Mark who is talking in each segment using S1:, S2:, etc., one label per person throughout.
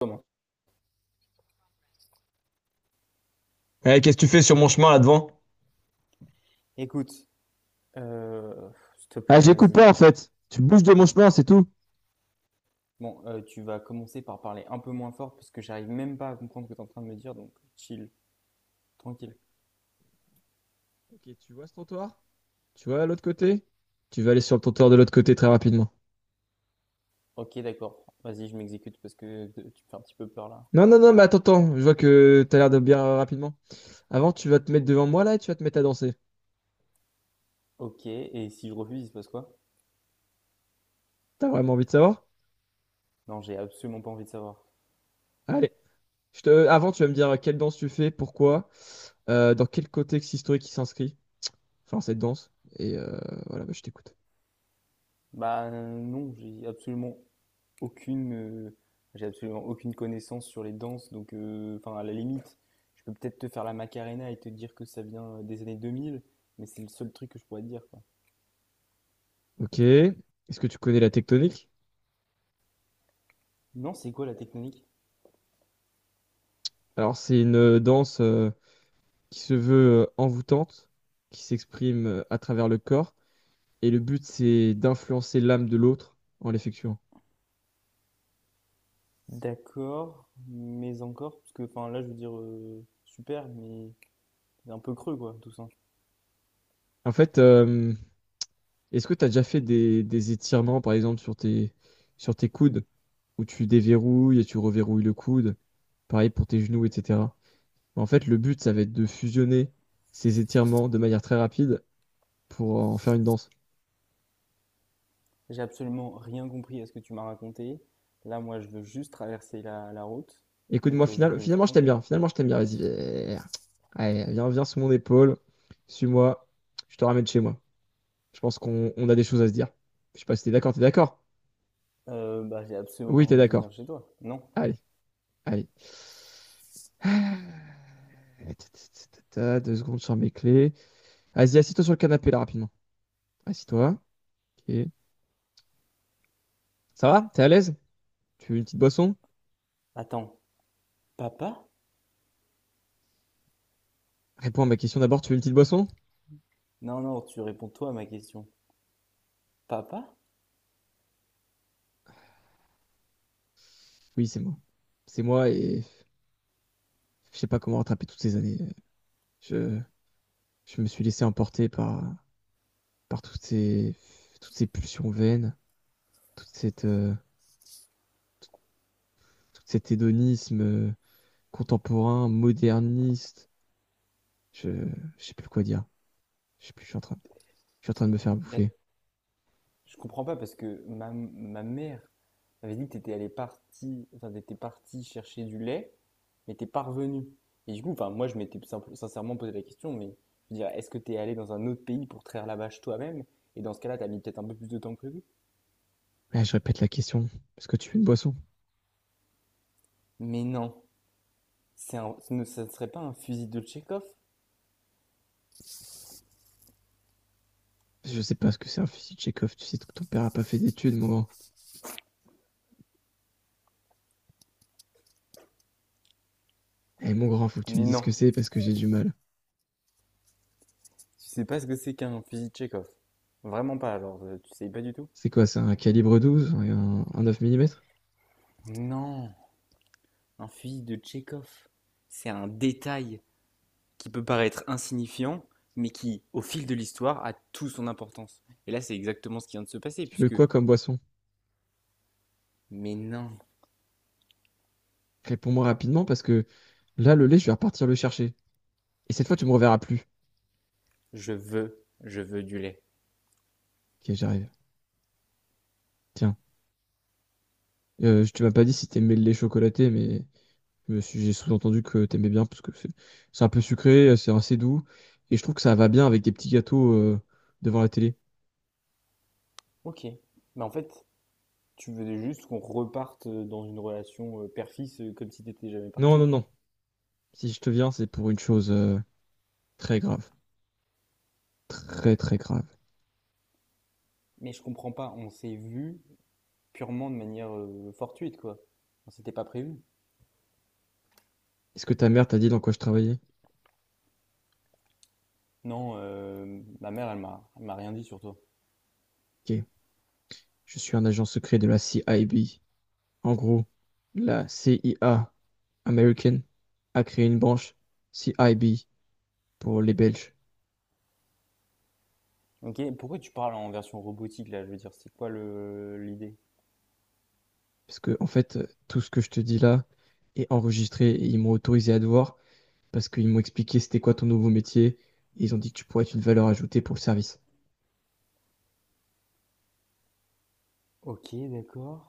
S1: Comment?
S2: Eh, qu'est-ce que tu fais sur mon chemin là devant?
S1: Écoute, euh, s'il te
S2: Ah,
S1: plaît, vas-y.
S2: j'écoute
S1: Non.
S2: pas en fait. Tu bouges de mon chemin, c'est tout.
S1: Bon, tu vas commencer par parler un peu moins fort parce que j'arrive même pas à comprendre ce que tu es en train de me dire, donc chill, tranquille.
S2: Ok, tu vois ce trottoir? Tu vois à l'autre côté? Tu vas aller sur le trottoir de l'autre côté très rapidement.
S1: Ok, d'accord. Vas-y, je m'exécute parce que tu me fais un petit peu peur là.
S2: Non, non, non, mais attends, je vois que t'as l'air de bien rapidement. Avant, tu vas te mettre devant moi là et tu vas te mettre à danser.
S1: Ok, et si je refuse, il se passe quoi?
S2: T'as vraiment envie de savoir?
S1: Non, j'ai absolument pas envie de savoir.
S2: Allez. Avant, tu vas me dire quelle danse tu fais, pourquoi, dans quel contexte historique il s'inscrit, enfin cette danse. Et voilà, bah, je t'écoute.
S1: Bah non, aucune, euh, j'ai absolument aucune connaissance sur les danses, donc enfin à la limite, je peux peut-être te faire la Macarena et te dire que ça vient des années 2000, mais c'est le seul truc que je pourrais te dire, quoi.
S2: Ok. Est-ce que tu connais la tectonique?
S1: Non, c'est quoi la technique?
S2: Alors, c'est une danse, qui se veut envoûtante, qui s'exprime à travers le corps. Et le but, c'est d'influencer l'âme de l'autre en l'effectuant.
S1: D'accord, mais encore, parce que enfin là je veux dire super, mais un peu creux quoi, tout ça.
S2: En fait, est-ce que tu as déjà fait des étirements, par exemple, sur tes coudes, où tu déverrouilles et tu reverrouilles le coude, pareil pour tes genoux, etc. En fait, le but, ça va être de fusionner ces étirements de manière très rapide pour en faire une danse.
S1: J'ai absolument rien compris à ce que tu m'as raconté. Là, moi, je veux juste traverser la route, donc
S2: Écoute-moi,
S1: tu vas juste me laisser
S2: finalement, je t'aime
S1: tranquille.
S2: bien. Finalement, je t'aime bien. Vas-y, viens, allez, viens, viens sur mon épaule. Suis-moi. Je te ramène chez moi. Je pense qu'on on a des choses à se dire. Je sais pas si t'es d'accord, t'es d'accord?
S1: Bah, j'ai absolument pas
S2: Oui, t'es
S1: envie de venir
S2: d'accord.
S1: chez toi. Non.
S2: Allez, allez. Ah, ta, ta, ta, ta, ta, 2 secondes sur mes clés. Vas-y, assis-toi sur le canapé là rapidement. Assis-toi. Ok. Ça va? T'es à l'aise? Tu veux une petite boisson?
S1: Attends, papa?
S2: Réponds à ma question d'abord, tu veux une petite boisson?
S1: Non, non, tu réponds toi à ma question. Papa?
S2: Oui, c'est moi. C'est moi et je sais pas comment rattraper toutes ces années. Je, je me suis laissé emporter par toutes ces pulsions vaines, toute cette, euh, tout cet hédonisme, contemporain, moderniste. Je, je sais plus quoi dire. Je sais plus, je suis en train de me faire
S1: Mais
S2: bouffer.
S1: je comprends pas parce que ma mère m'avait dit que t'étais parti chercher du lait. Mais t'es pas revenu. Et du coup, enfin, moi, je m'étais sincèrement posé la question, mais je veux dire, est-ce que t'es allé dans un autre pays pour traire la vache toi-même? Et dans ce cas-là, t'as mis peut-être un peu plus de temps que prévu.
S2: Là, je répète la question. Est-ce que tu veux une boisson?
S1: Mais non, c'est un- ce ne, ça ne serait pas un fusil de Tchekhov?
S2: Je sais pas ce que c'est un fusil de Chekhov. Tu sais que ton père a pas fait d'études, mon grand. Eh, mon grand, faut que tu me
S1: Mais
S2: dises ce
S1: non,
S2: que c'est parce que j'ai du mal.
S1: tu sais pas ce que c'est qu'un fusil de Tchekhov. Vraiment pas, alors, tu sais pas du tout?
S2: C'est quoi, c'est un calibre 12, un 9 millimètres.
S1: Non, un fusil de Tchekhov, c'est un détail qui peut paraître insignifiant, mais qui, au fil de l'histoire, a tout son importance. Et là, c'est exactement ce qui vient de se passer,
S2: Tu veux
S1: puisque...
S2: quoi comme boisson?
S1: Mais non,
S2: Réponds-moi rapidement parce que là, le lait, je vais repartir le chercher. Et cette fois, tu me reverras plus.
S1: je veux du lait.
S2: Ok, j'arrive. Tiens, tu m'as pas dit si t'aimais le lait chocolaté, mais j'ai sous-entendu que t'aimais bien parce que c'est un peu sucré, c'est assez doux. Et je trouve que ça va bien avec des petits gâteaux devant la télé.
S1: Ok. Mais en fait, tu veux juste qu'on reparte dans une relation père-fils comme si t'étais jamais
S2: Non, non,
S1: parti.
S2: non. Si je te viens, c'est pour une chose très grave. Très, très grave.
S1: Mais je comprends pas, on s'est vu purement de manière fortuite, quoi. On s'était pas prévu.
S2: Est-ce que ta mère t'a dit dans quoi je travaillais?
S1: Non, ma mère, elle m'a rien dit sur toi.
S2: Ok. Je suis un agent secret de la CIB. En gros, la CIA américaine a créé une branche CIB pour les Belges.
S1: Ok, pourquoi tu parles en version robotique, là? Je veux dire, c'est quoi l'idée?
S2: Parce que, en fait, tout ce que je te dis là est enregistré et ils m'ont autorisé à te voir parce qu'ils m'ont expliqué c'était quoi ton nouveau métier et ils ont dit que tu pourrais être une valeur ajoutée pour le service.
S1: Ok, d'accord.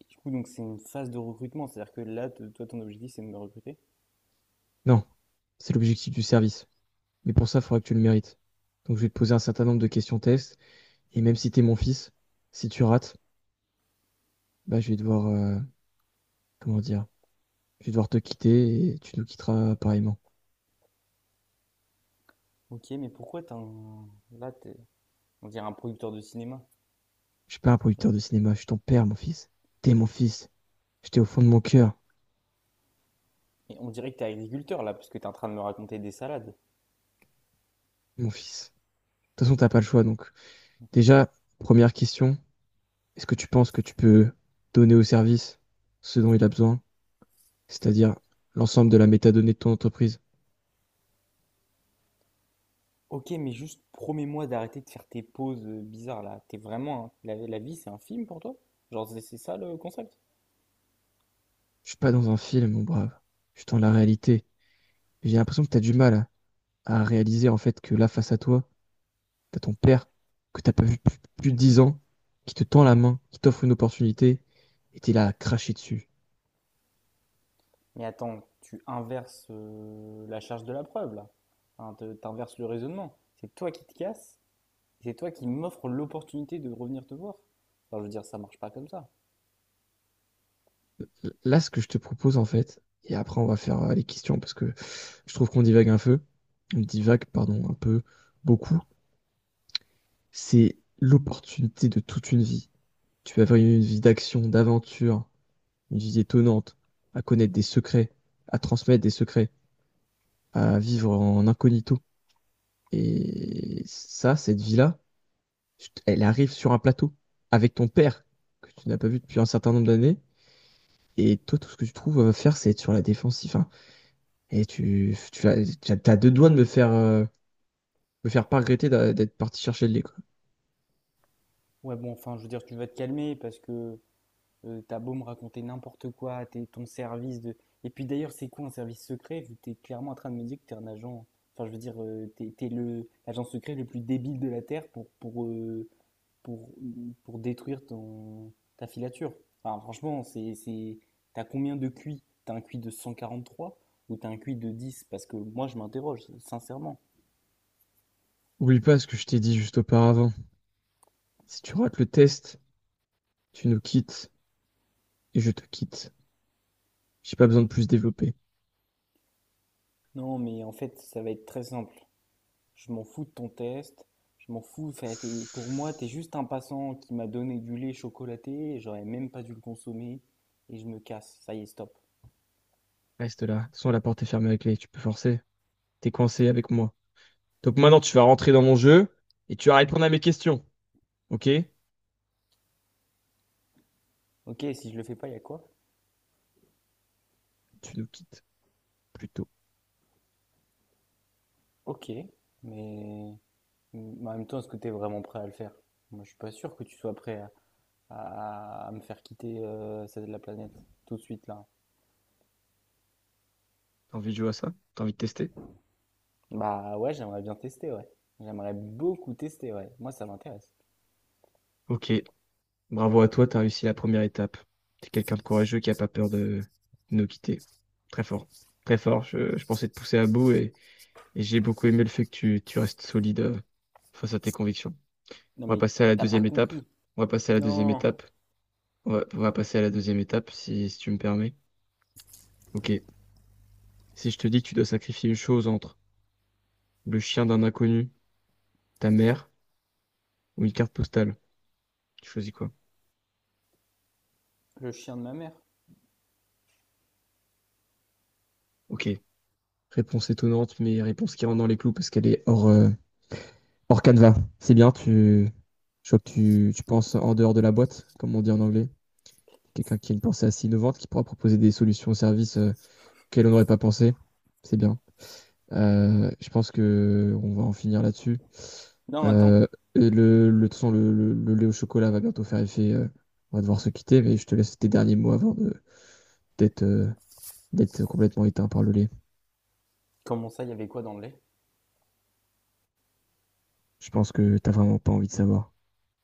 S1: Et du coup, donc c'est une phase de recrutement, c'est-à-dire que là, toi, ton objectif, c'est de me recruter?
S2: Non, c'est l'objectif du service. Mais pour ça, il faudra que tu le mérites. Donc je vais te poser un certain nombre de questions tests et même si t'es mon fils, si tu rates, bah je vais devoir comment dire, je vais devoir te quitter et tu nous quitteras apparemment.
S1: Ok, mais pourquoi Là, t'es, on dirait un producteur de cinéma.
S2: Je suis pas un producteur de cinéma, je suis ton père, mon fils. T'es mon fils. J'étais au fond de mon cœur,
S1: Et on dirait que t'es agriculteur là, parce que t'es en train de me raconter des salades.
S2: mon fils. De toute façon, t'as pas le choix donc. Déjà, première question, est-ce que tu penses que tu peux donner au service ce dont il a besoin, c'est-à-dire l'ensemble de la métadonnée de ton entreprise.
S1: Ok, mais juste promets-moi d'arrêter de faire tes pauses bizarres là. T'es vraiment. La vie, c'est un film pour toi? Genre, c'est ça le concept?
S2: Je suis pas dans un film, mon brave. Je suis dans la réalité. J'ai l'impression que tu as du mal à réaliser en fait que là, face à toi, tu as ton père que tu as pas vu depuis plus de 10 ans, qui te tend la main, qui t'offre une opportunité, et tu es là à cracher dessus.
S1: Mais attends, tu inverses la charge de la preuve là. Hein, t'inverses le raisonnement. C'est toi qui te casses, c'est toi qui m'offres l'opportunité de revenir te voir. Enfin, je veux dire, ça marche pas comme ça.
S2: Là, ce que je te propose en fait, et après on va faire les questions parce que je trouve qu'on divague un peu, on divague, pardon, un peu beaucoup, c'est l'opportunité de toute une vie. Tu vas avoir une vie d'action, d'aventure, une vie étonnante, à connaître des secrets, à transmettre des secrets, à vivre en incognito. Et ça, cette vie-là, elle arrive sur un plateau avec ton père, que tu n'as pas vu depuis un certain nombre d'années. Et toi, tout ce que tu trouves à faire, c'est être sur la défensive, hein. Et t'as deux doigts de me faire pas regretter d'être parti chercher de l'école.
S1: Ouais, bon, enfin, je veux dire, tu vas te calmer parce que t'as beau me raconter n'importe quoi, t'es ton service de... Et puis d'ailleurs, c'est quoi un service secret? Vu que t'es clairement en train de me dire que t'es un agent... Enfin, je veux dire, t'es l'agent secret le plus débile de la Terre pour, pour détruire ta filature. Enfin, franchement, c'est... T'as combien de QI? T'as un QI de 143 ou t'as un QI de 10 parce que moi, je m'interroge, sincèrement.
S2: Oublie pas ce que je t'ai dit juste auparavant. Si tu rates le test, tu nous quittes et je te quitte. J'ai pas besoin de plus développer.
S1: Non, mais en fait, ça va être très simple. Je m'en fous de ton test, je m'en fous, enfin, pour moi, t'es juste un passant qui m'a donné du lait chocolaté, et j'aurais même pas dû le consommer, et je me casse, ça y est, stop.
S2: Reste là. De toute façon, la porte est fermée avec les. Tu peux forcer. T'es coincé avec moi. Donc maintenant, tu vas rentrer dans mon jeu et tu vas répondre à mes questions. Ok?
S1: Ok, si je le fais pas, il y a quoi?
S2: Tu nous quittes plus tôt.
S1: Ok, mais mais en même temps, est-ce que t'es vraiment prêt à le faire? Moi, je suis pas sûr que tu sois prêt à, à me faire quitter celle de la planète tout de suite là.
S2: T'as envie de jouer à ça? T'as envie de tester?
S1: Bah ouais, j'aimerais bien tester, ouais. J'aimerais beaucoup tester, ouais. Moi, ça m'intéresse.
S2: Ok. Bravo à toi, t'as réussi la première étape. T'es quelqu'un de courageux qui a pas peur de nous quitter. Très fort. Très fort. Je pensais te pousser à bout et j'ai beaucoup aimé le fait que tu restes solide face à tes convictions.
S1: Non,
S2: On va
S1: mais
S2: passer à la
S1: t'as pas
S2: deuxième étape.
S1: compris.
S2: On va passer à la deuxième
S1: Non,
S2: étape. On va passer à la deuxième étape si tu me permets. Ok. Si je te dis que tu dois sacrifier une chose entre le chien d'un inconnu, ta mère ou une carte postale, tu choisis quoi?
S1: le chien de ma mère.
S2: Ok. Réponse étonnante, mais réponse qui rentre dans les clous parce qu'elle est hors canevas. C'est bien. Je vois que tu penses en dehors de la boîte, comme on dit en anglais. Quelqu'un qui a une pensée assez innovante, qui pourra proposer des solutions au service auxquelles on n'aurait pas pensé. C'est bien. Je pense que on va en finir là-dessus.
S1: Non,
S2: Euh,
S1: attends.
S2: et de toute façon, le lait au chocolat va bientôt faire effet. On va devoir se quitter, mais je te laisse tes derniers mots avant d'être, euh, d'être complètement éteint par le lait.
S1: Comment ça, il y avait quoi dans le lait?
S2: Je pense que t'as vraiment pas envie de savoir.